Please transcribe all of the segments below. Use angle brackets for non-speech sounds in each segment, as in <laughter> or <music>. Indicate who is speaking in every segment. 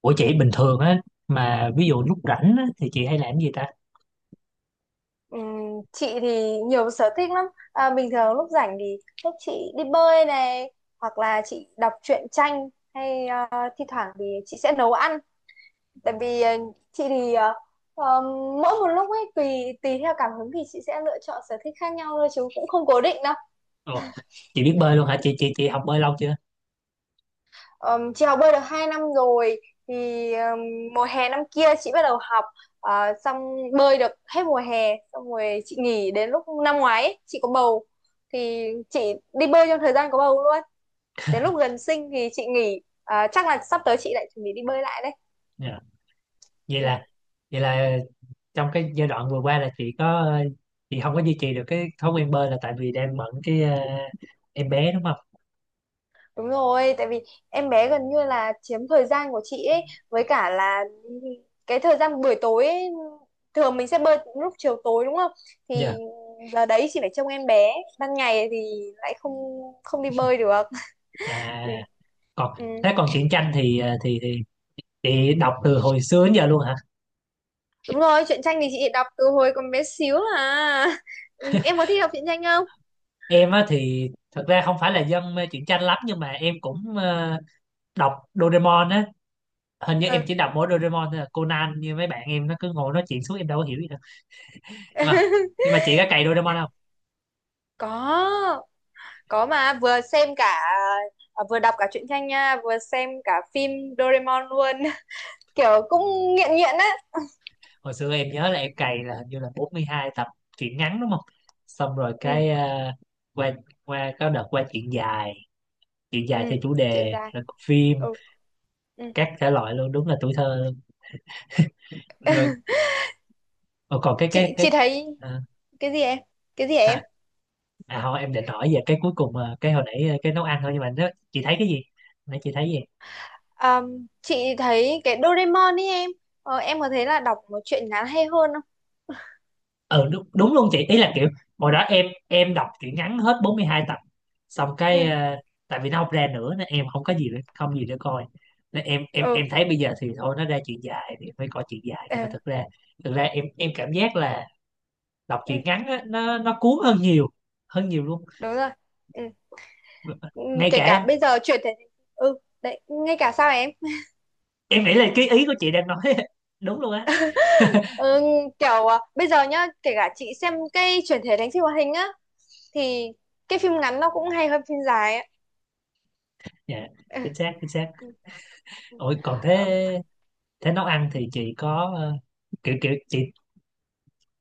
Speaker 1: Ủa chị bình thường á, mà ví dụ lúc rảnh á, thì chị hay làm gì ta?
Speaker 2: Chị thì nhiều sở thích lắm. Bình thường lúc rảnh thì lúc chị đi bơi này, hoặc là chị đọc truyện tranh hay, thi thoảng thì chị sẽ nấu ăn. Tại vì chị thì, ờm, mỗi một lúc ấy tùy tùy theo cảm hứng thì chị sẽ lựa chọn sở thích khác nhau thôi chứ cũng không cố định.
Speaker 1: Ồ, chị biết bơi luôn hả? Chị học bơi lâu chưa?
Speaker 2: Chị học bơi được 2 năm rồi thì, mùa hè năm kia chị bắt đầu học. Xong bơi được hết mùa hè xong rồi chị nghỉ, đến lúc năm ngoái ấy, chị có bầu thì chị đi bơi trong thời gian có bầu luôn, đến lúc gần sinh thì chị nghỉ. Ờ, chắc là sắp tới chị lại chuẩn bị đi bơi lại đấy.
Speaker 1: Dạ. Vậy
Speaker 2: Ừ.
Speaker 1: là vậy là trong cái giai đoạn vừa qua là chị không có duy trì được cái thói quen bơi là tại vì đang bận cái em bé đúng không?
Speaker 2: Đúng rồi, tại vì em bé gần như là chiếm thời gian của chị ấy, với cả là cái thời gian buổi tối ấy, thường mình sẽ bơi lúc chiều tối đúng không?
Speaker 1: Dạ.
Speaker 2: Thì giờ đấy chị phải trông em bé, ban ngày thì lại không không đi bơi được. Ừ.
Speaker 1: À còn
Speaker 2: Ừ.
Speaker 1: Thế còn truyện tranh thì chị đọc từ hồi xưa đến giờ luôn hả?
Speaker 2: Đúng rồi, truyện tranh thì chị đọc từ hồi còn bé xíu à. Ừ, em có thích đọc truyện tranh không?
Speaker 1: Em á thì thật ra không phải là dân mê truyện tranh lắm, nhưng mà em cũng đọc Doraemon á. Hình như em
Speaker 2: Ừ.
Speaker 1: chỉ đọc mỗi Doraemon thôi à. Conan như mấy bạn em nó cứ ngồi nói chuyện suốt, em đâu có hiểu gì đâu. nhưng mà nhưng
Speaker 2: <laughs>
Speaker 1: mà chị có cày Doraemon không?
Speaker 2: Có, có mà vừa xem cả, vừa đọc cả truyện tranh nha, vừa xem cả phim Doraemon luôn. Kiểu cũng nghiện nghiện á.
Speaker 1: Hồi xưa em nhớ là em cày là hình như là 42 tập truyện ngắn đúng không? Xong rồi
Speaker 2: Ừ.
Speaker 1: cái qua qua có đợt qua chuyện dài chuyện
Speaker 2: Ừ.
Speaker 1: dài theo chủ
Speaker 2: Chuyện
Speaker 1: đề,
Speaker 2: dài.
Speaker 1: rồi có phim
Speaker 2: Ừ. Ừ.
Speaker 1: các thể loại luôn, đúng là tuổi thơ luôn. Rồi, ờ, còn
Speaker 2: chị chị thấy
Speaker 1: à,
Speaker 2: cái gì em, cái gì em?
Speaker 1: hả? Thôi em định hỏi về cái cuối cùng cái hồi nãy cái nấu ăn thôi, nhưng mà nó, chị thấy cái gì, nãy chị thấy gì?
Speaker 2: Chị thấy cái Doraemon ấy em, em có thấy là đọc một truyện ngắn hay hơn không?
Speaker 1: Ừ đúng, đúng luôn, chị ý là kiểu hồi đó em đọc truyện ngắn hết 42 tập, xong cái
Speaker 2: Ừ.
Speaker 1: tại vì nó không ra nữa nên em không có gì để, không gì để coi, nên em em
Speaker 2: Ừ.
Speaker 1: em thấy bây giờ thì thôi nó ra truyện dài thì phải coi truyện dài. Nhưng mà
Speaker 2: Ừ,
Speaker 1: thực ra em cảm giác là đọc truyện
Speaker 2: ừ.
Speaker 1: ngắn á, nó cuốn hơn nhiều, hơn nhiều luôn.
Speaker 2: Đúng rồi. Ừ. Ừ,
Speaker 1: Ngay
Speaker 2: kể cả
Speaker 1: cả
Speaker 2: bây giờ chuyển thể. Ừ đấy, ngay cả sao em.
Speaker 1: Em nghĩ là cái ý của chị đang nói <laughs> đúng luôn á.
Speaker 2: Ừ, kiểu bây giờ nhá, kể cả chị xem cái chuyển thể thành phim hoạt hình á thì cái phim ngắn nó cũng hay hơn phim dài á.
Speaker 1: Dạ,
Speaker 2: Ừ.
Speaker 1: chính xác, chính xác.
Speaker 2: Ừ. Ừ.
Speaker 1: Ôi, còn thế,
Speaker 2: Ờ.
Speaker 1: nấu ăn thì chị có kiểu kiểu chị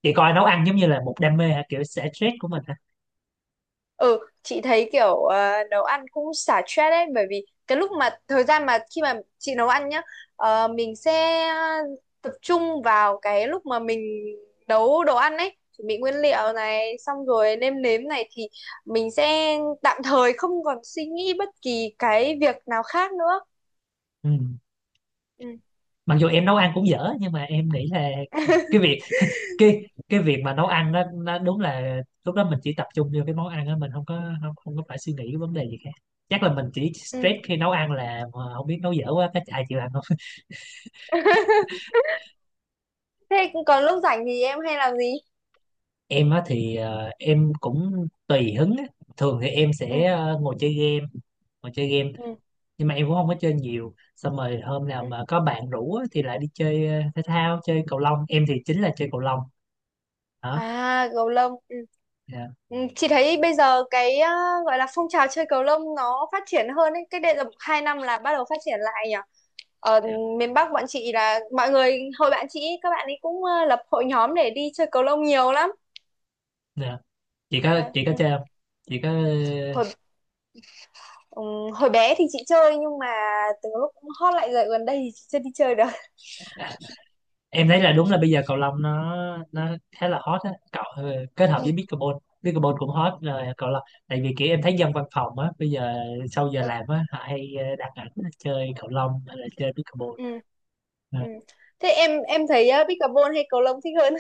Speaker 1: chị coi nấu ăn giống như là một đam mê hả, kiểu xả stress của mình hả?
Speaker 2: Ừ, chị thấy kiểu, nấu ăn cũng xả stress đấy, bởi vì cái lúc mà thời gian mà khi mà chị nấu ăn nhá, mình sẽ tập trung vào cái lúc mà mình nấu đồ ăn ấy, chuẩn bị nguyên liệu này xong rồi nêm nếm này, thì mình sẽ tạm thời không còn suy nghĩ bất kỳ cái việc nào khác nữa.
Speaker 1: Ừ.
Speaker 2: Ừ.
Speaker 1: Mặc dù em nấu ăn cũng dở nhưng mà em nghĩ là cái
Speaker 2: <laughs>
Speaker 1: việc <laughs> cái cái việc mà nấu ăn đó, nó đúng là lúc đó mình chỉ tập trung vô cái món ăn đó, mình không có phải suy nghĩ cái vấn đề gì khác. Chắc là mình chỉ stress
Speaker 2: Ừ.
Speaker 1: khi nấu ăn là mà không biết nấu dở quá cái ai chịu ăn không.
Speaker 2: <laughs> Thế còn lúc rảnh thì em hay làm gì?
Speaker 1: Em á thì em cũng tùy hứng á. Thường thì em
Speaker 2: Ừ.
Speaker 1: sẽ ngồi chơi game, ngồi chơi game
Speaker 2: Ừ.
Speaker 1: nhưng mà em cũng không có chơi nhiều. Xong rồi hôm nào
Speaker 2: Ừ.
Speaker 1: mà có bạn rủ á, thì lại đi chơi thể thao, chơi cầu lông. Em thì chính là chơi cầu lông đó.
Speaker 2: À gấu lông.
Speaker 1: Dạ.
Speaker 2: Ừ, chị thấy bây giờ cái, gọi là phong trào chơi cầu lông nó phát triển hơn ấy. Cách đây là 2 năm là bắt đầu phát triển lại nhỉ. Ở miền Bắc bọn chị là mọi người hồi bạn chị ấy, các bạn ấy cũng, lập hội nhóm để đi chơi cầu lông nhiều lắm.
Speaker 1: Dạ.
Speaker 2: Đấy.
Speaker 1: Chị có
Speaker 2: Ừ.
Speaker 1: chơi không? Chị có.
Speaker 2: Hồi ừ, hồi bé thì chị chơi, nhưng mà từ lúc cũng hot lại rồi gần đây thì chị chưa đi chơi được.
Speaker 1: ờ, em thấy là
Speaker 2: Ừ.
Speaker 1: đúng là bây giờ cầu lông nó khá là hot á cậu. Ờ, Kết hợp với
Speaker 2: Ừ.
Speaker 1: pickleball, pickleball cũng hot rồi cầu lông. Tại vì kiểu em thấy dân văn phòng á bây giờ sau giờ
Speaker 2: Ừ.
Speaker 1: làm á, họ hay đăng ảnh chơi cầu lông hay là chơi pickleball.
Speaker 2: Ừ.
Speaker 1: Dạ.
Speaker 2: Ừ. Thế em thấy pickleball hay cầu lông thích hơn?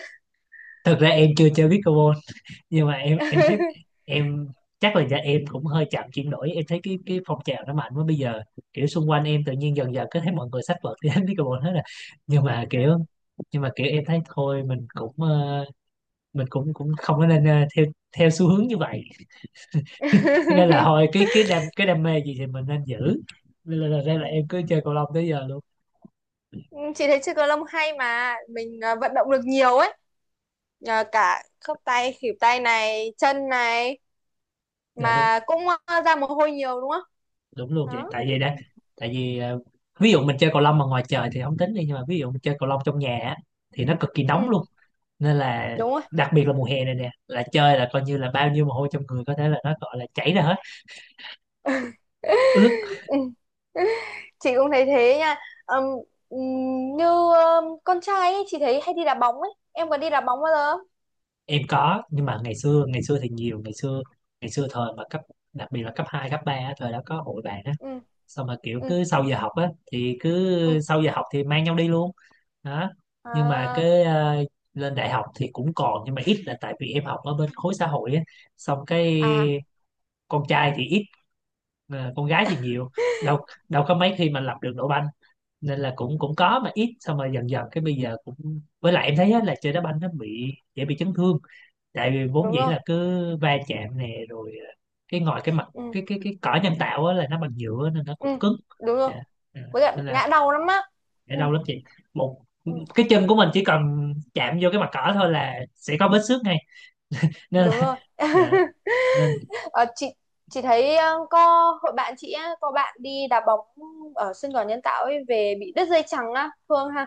Speaker 1: Thực ra em chưa chơi pickleball, nhưng mà em thấy
Speaker 2: <laughs>
Speaker 1: em chắc là dạ em cũng hơi chậm chuyển đổi. Em thấy cái phong trào nó mạnh quá bây giờ, kiểu xung quanh em tự nhiên dần dần cứ thấy mọi người xách vợt đi hết pickleball hết <laughs> rồi. Nhưng mà
Speaker 2: Ừ.
Speaker 1: kiểu em thấy thôi mình cũng mình cũng cũng không có nên theo theo xu hướng như vậy. Cho nên là thôi
Speaker 2: <laughs>
Speaker 1: cái đam mê gì thì mình nên giữ. Nên là, ra là em cứ chơi cầu lông tới giờ luôn.
Speaker 2: Ừ. Chị thấy chơi cầu lông hay, mà mình, vận động được nhiều ấy, nhờ cả khớp tay, khuỷu tay này, chân này,
Speaker 1: Dạ đúng,
Speaker 2: mà cũng, ra mồ hôi nhiều đúng không?
Speaker 1: đúng luôn vậy.
Speaker 2: Đó.
Speaker 1: Tại vì đó, tại vì ví dụ mình chơi cầu lông mà ngoài trời thì không tính đi. Nhưng mà ví dụ mình chơi cầu lông trong nhà á, thì nó cực kỳ
Speaker 2: Ừ,
Speaker 1: nóng luôn, nên là
Speaker 2: đúng rồi.
Speaker 1: đặc biệt là mùa hè này nè là chơi là coi như là bao nhiêu mồ hôi trong người có thể là nó gọi là chảy ra hết,
Speaker 2: <laughs>
Speaker 1: ướt.
Speaker 2: Ừ, chị cũng thấy thế nha. Ừm, ừm, Như con trai ấy, chị thấy hay đi đá bóng ấy, em có đi đá bóng bao giờ không?
Speaker 1: Em có, nhưng mà ngày xưa, ngày xưa thì nhiều. Ngày xưa, ngày xưa thời mà cấp, đặc biệt là cấp 2 cấp ba á, thời đó có hội bạn á.
Speaker 2: Ừ.
Speaker 1: Xong mà kiểu
Speaker 2: Ừ.
Speaker 1: cứ sau giờ học á thì
Speaker 2: Ừ.
Speaker 1: cứ sau giờ học thì mang nhau đi luôn đó. Nhưng mà
Speaker 2: À.
Speaker 1: cái lên đại học thì cũng còn nhưng mà ít, là tại vì em học ở bên khối xã hội á. Xong cái
Speaker 2: À
Speaker 1: con trai thì ít, con gái thì nhiều, đâu đâu có mấy khi mà lập được đội banh. Nên là cũng cũng có mà ít. Xong rồi dần dần cái bây giờ cũng, với lại em thấy á, là chơi đá banh nó bị dễ bị chấn thương. Tại vì vốn
Speaker 2: đúng
Speaker 1: dĩ
Speaker 2: rồi.
Speaker 1: là cứ va chạm nè, rồi cái ngoài cái mặt
Speaker 2: Ừ.
Speaker 1: cái cỏ nhân tạo á, là nó bằng nhựa nên nó
Speaker 2: Ừ,
Speaker 1: cũng cứng.
Speaker 2: đúng rồi.
Speaker 1: Dạ. Ừ.
Speaker 2: Với cả
Speaker 1: Nên là
Speaker 2: ngã đầu lắm á.
Speaker 1: để
Speaker 2: Ừ.
Speaker 1: đau lắm chị, một
Speaker 2: Ừ.
Speaker 1: cái chân của mình chỉ cần chạm vô cái mặt cỏ thôi là sẽ có vết xước ngay, nên
Speaker 2: Đúng
Speaker 1: là
Speaker 2: rồi.
Speaker 1: <laughs> dạ.
Speaker 2: <laughs>
Speaker 1: Nên
Speaker 2: Ờ, chị thấy, có hội bạn chị á, có bạn đi đá bóng ở sân cỏ nhân tạo ấy về bị đứt dây chằng á, Phương ha.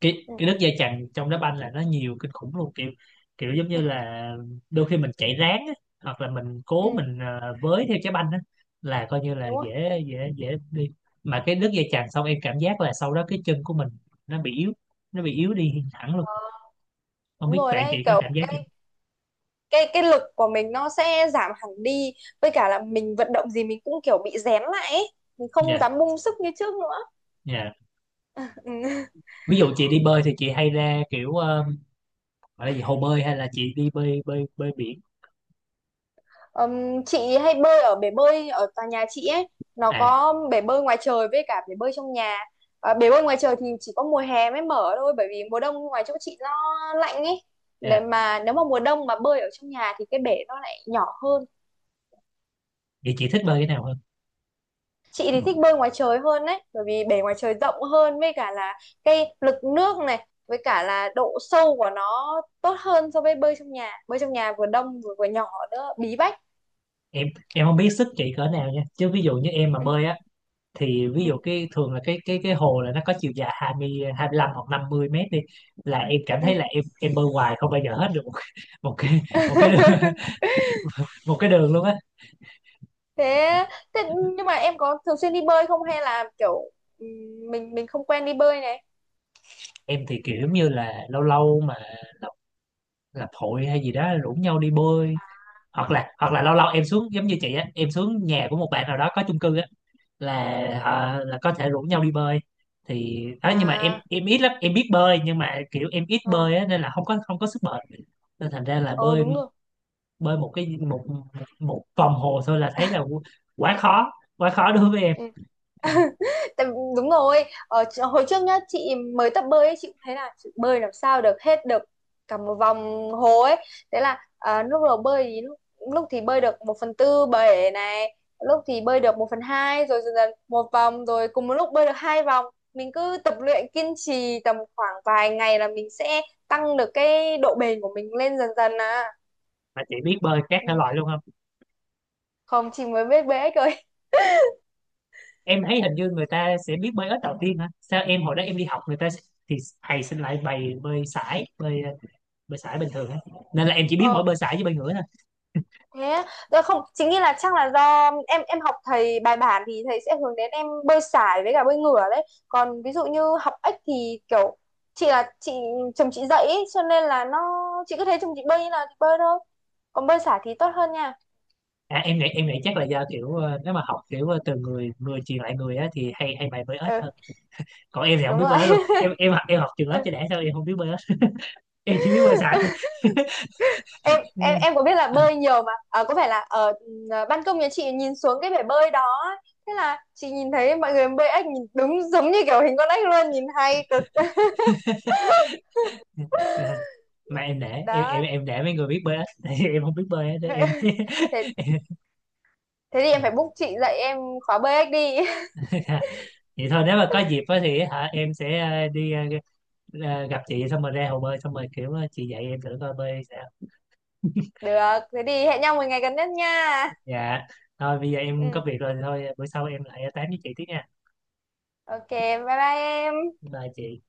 Speaker 1: cái
Speaker 2: Ừ.
Speaker 1: cái nước dây chằn trong đá banh là nó nhiều kinh khủng luôn, kiểu kiểu giống
Speaker 2: Ừ.
Speaker 1: như là đôi khi mình chạy ráng á, hoặc là mình cố,
Speaker 2: Ừ.
Speaker 1: mình với theo trái banh á, là coi như là
Speaker 2: Đúng rồi.
Speaker 1: dễ dễ dễ đi. Mà cái nước dây chằn xong em cảm giác là sau đó cái chân của mình nó bị yếu nó bị yếu đi hẳn luôn, không
Speaker 2: Đúng
Speaker 1: biết
Speaker 2: rồi
Speaker 1: bạn
Speaker 2: đấy,
Speaker 1: chị có
Speaker 2: kiểu
Speaker 1: cảm giác gì không?
Speaker 2: cái, cái lực của mình nó sẽ giảm hẳn đi, với cả là mình vận động gì mình cũng kiểu bị rén lại ấy. Mình không
Speaker 1: Dạ.
Speaker 2: dám bung sức như trước nữa.
Speaker 1: Dạ.
Speaker 2: Ừ.
Speaker 1: Ví dụ chị đi bơi thì chị hay ra kiểu gọi là gì hồ bơi, hay là chị đi bơi bơi bơi biển?
Speaker 2: Chị hay bơi ở bể bơi ở tòa nhà chị ấy, nó
Speaker 1: À,
Speaker 2: có bể bơi ngoài trời với cả bể bơi trong nhà. Bể bơi ngoài trời thì chỉ có mùa hè mới mở thôi, bởi vì mùa đông ngoài chỗ chị nó lạnh ấy.
Speaker 1: dạ,
Speaker 2: Nếu mà mùa đông mà bơi ở trong nhà thì cái bể nó lại nhỏ hơn.
Speaker 1: vậy chị thích bơi cái nào hơn?
Speaker 2: Chị
Speaker 1: Ừ.
Speaker 2: thì thích bơi ngoài trời hơn đấy, bởi vì bể ngoài trời rộng hơn, với cả là cái lực nước này với cả là độ sâu của nó tốt hơn so với bơi trong nhà. Bơi trong nhà vừa đông, vừa vừa nhỏ nữa, bí bách.
Speaker 1: em em không biết sức chị cỡ nào nha, chứ ví dụ như em mà
Speaker 2: Ừ.
Speaker 1: bơi á, thì ví dụ cái thường là cái hồ là nó có chiều dài 20 25 hoặc 50 mét đi, là em cảm
Speaker 2: Ừ.
Speaker 1: thấy là em bơi hoài không bao giờ hết được một, <laughs> một cái
Speaker 2: Ừ.
Speaker 1: một cái đường,
Speaker 2: <laughs>
Speaker 1: <laughs> một cái đường luôn á.
Speaker 2: Thế, thế nhưng mà em có thường xuyên đi bơi không, hay là kiểu mình không quen đi bơi này.
Speaker 1: Em thì kiểu như là lâu lâu mà lập lập hội hay gì đó rủ nhau đi bơi, hoặc là lâu lâu em xuống giống như chị á, em xuống nhà của một bạn nào đó có chung cư á, là
Speaker 2: Ừ.
Speaker 1: có thể rủ nhau đi bơi thì đó. Nhưng mà em
Speaker 2: À.
Speaker 1: em ít lắm, em biết bơi nhưng mà kiểu em ít
Speaker 2: Ờ.
Speaker 1: bơi á nên là không có sức bền. Nên thành ra là
Speaker 2: Ờ,
Speaker 1: bơi
Speaker 2: đúng rồi.
Speaker 1: bơi một cái một một vòng hồ thôi là thấy là quá khó quá khó đối với em.
Speaker 2: Ừ.
Speaker 1: Dạ.
Speaker 2: <laughs> Tại- Đúng rồi, ở hồi trước nhá, chị mới tập bơi ấy, chị cũng thấy là chị bơi làm sao được hết được cả một vòng hồ ấy. Thế là, lúc đầu bơi thì lúc, lúc thì bơi được 1/4 bể này, lúc thì bơi được 1/2, rồi dần dần một vòng, rồi cùng một lúc bơi được 2 vòng. Mình cứ tập luyện kiên trì tầm khoảng vài ngày là mình sẽ tăng được cái độ bền của mình lên dần dần à.
Speaker 1: Mà chị biết bơi các thể
Speaker 2: Ừ.
Speaker 1: loại luôn không?
Speaker 2: Không, chị mới biết bơi ếch.
Speaker 1: Em thấy hình như người ta sẽ biết bơi ếch đầu tiên hả, sao em hồi đó em đi học người ta thì thầy xin lại bày bơi sải bơi bơi sải bình thường á. Nên là em chỉ biết
Speaker 2: Rồi.
Speaker 1: mỗi bơi sải với bơi ngửa thôi.
Speaker 2: Thế á? Dạ không, chính nghĩ là chắc là do em học thầy bài bản thì thầy sẽ hướng đến em bơi sải với cả bơi ngửa đấy, còn ví dụ như học ếch thì kiểu, chị là chị, chồng chị dạy ý, cho nên là nó, chị cứ thấy chồng chị bơi như nào thì bơi thôi. Còn bơi sải thì tốt hơn nha.
Speaker 1: Em nghĩ, chắc là do kiểu nếu mà học kiểu từ người người truyền lại người á thì hay hay bày bơi ếch hơn.
Speaker 2: Ừ
Speaker 1: Còn em thì không
Speaker 2: đúng
Speaker 1: biết
Speaker 2: rồi.
Speaker 1: bơi ếch luôn,
Speaker 2: <laughs>
Speaker 1: em học trường lớp
Speaker 2: Ừ.
Speaker 1: cho đã sao em không biết bơi ếch. Em chỉ biết bơi sải
Speaker 2: em em
Speaker 1: thôi.
Speaker 2: em có biết là bơi
Speaker 1: <laughs>
Speaker 2: nhiều mà, à có phải là ở, ban công nhà chị nhìn xuống cái bể bơi đó ấy. Thế là chị nhìn thấy mọi người bơi ếch nhìn đúng giống như kiểu hình con ếch luôn, nhìn hay cực.
Speaker 1: <laughs> Nè, mà em để
Speaker 2: <laughs> Đó.
Speaker 1: để mấy người biết bơi á. <laughs> Tại vì em không biết bơi á, để em
Speaker 2: <laughs>
Speaker 1: <laughs>
Speaker 2: Thế,
Speaker 1: em-
Speaker 2: thế thì em phải book chị dạy em khóa BX đi. <laughs>
Speaker 1: <laughs> vậy thôi, nếu mà có dịp á thì hả em sẽ đi gặp chị xong rồi ra hồ bơi xong rồi kiểu chị dạy em thử coi bơi sao. <laughs>
Speaker 2: Được, thế thì hẹn nhau một ngày gần nhất nha.
Speaker 1: Dạ, thôi bây giờ em
Speaker 2: Ừ,
Speaker 1: có việc rồi thì thôi, bữa sau em lại tám với chị tiếp nha.
Speaker 2: ok, bye bye em.
Speaker 1: Bye chị.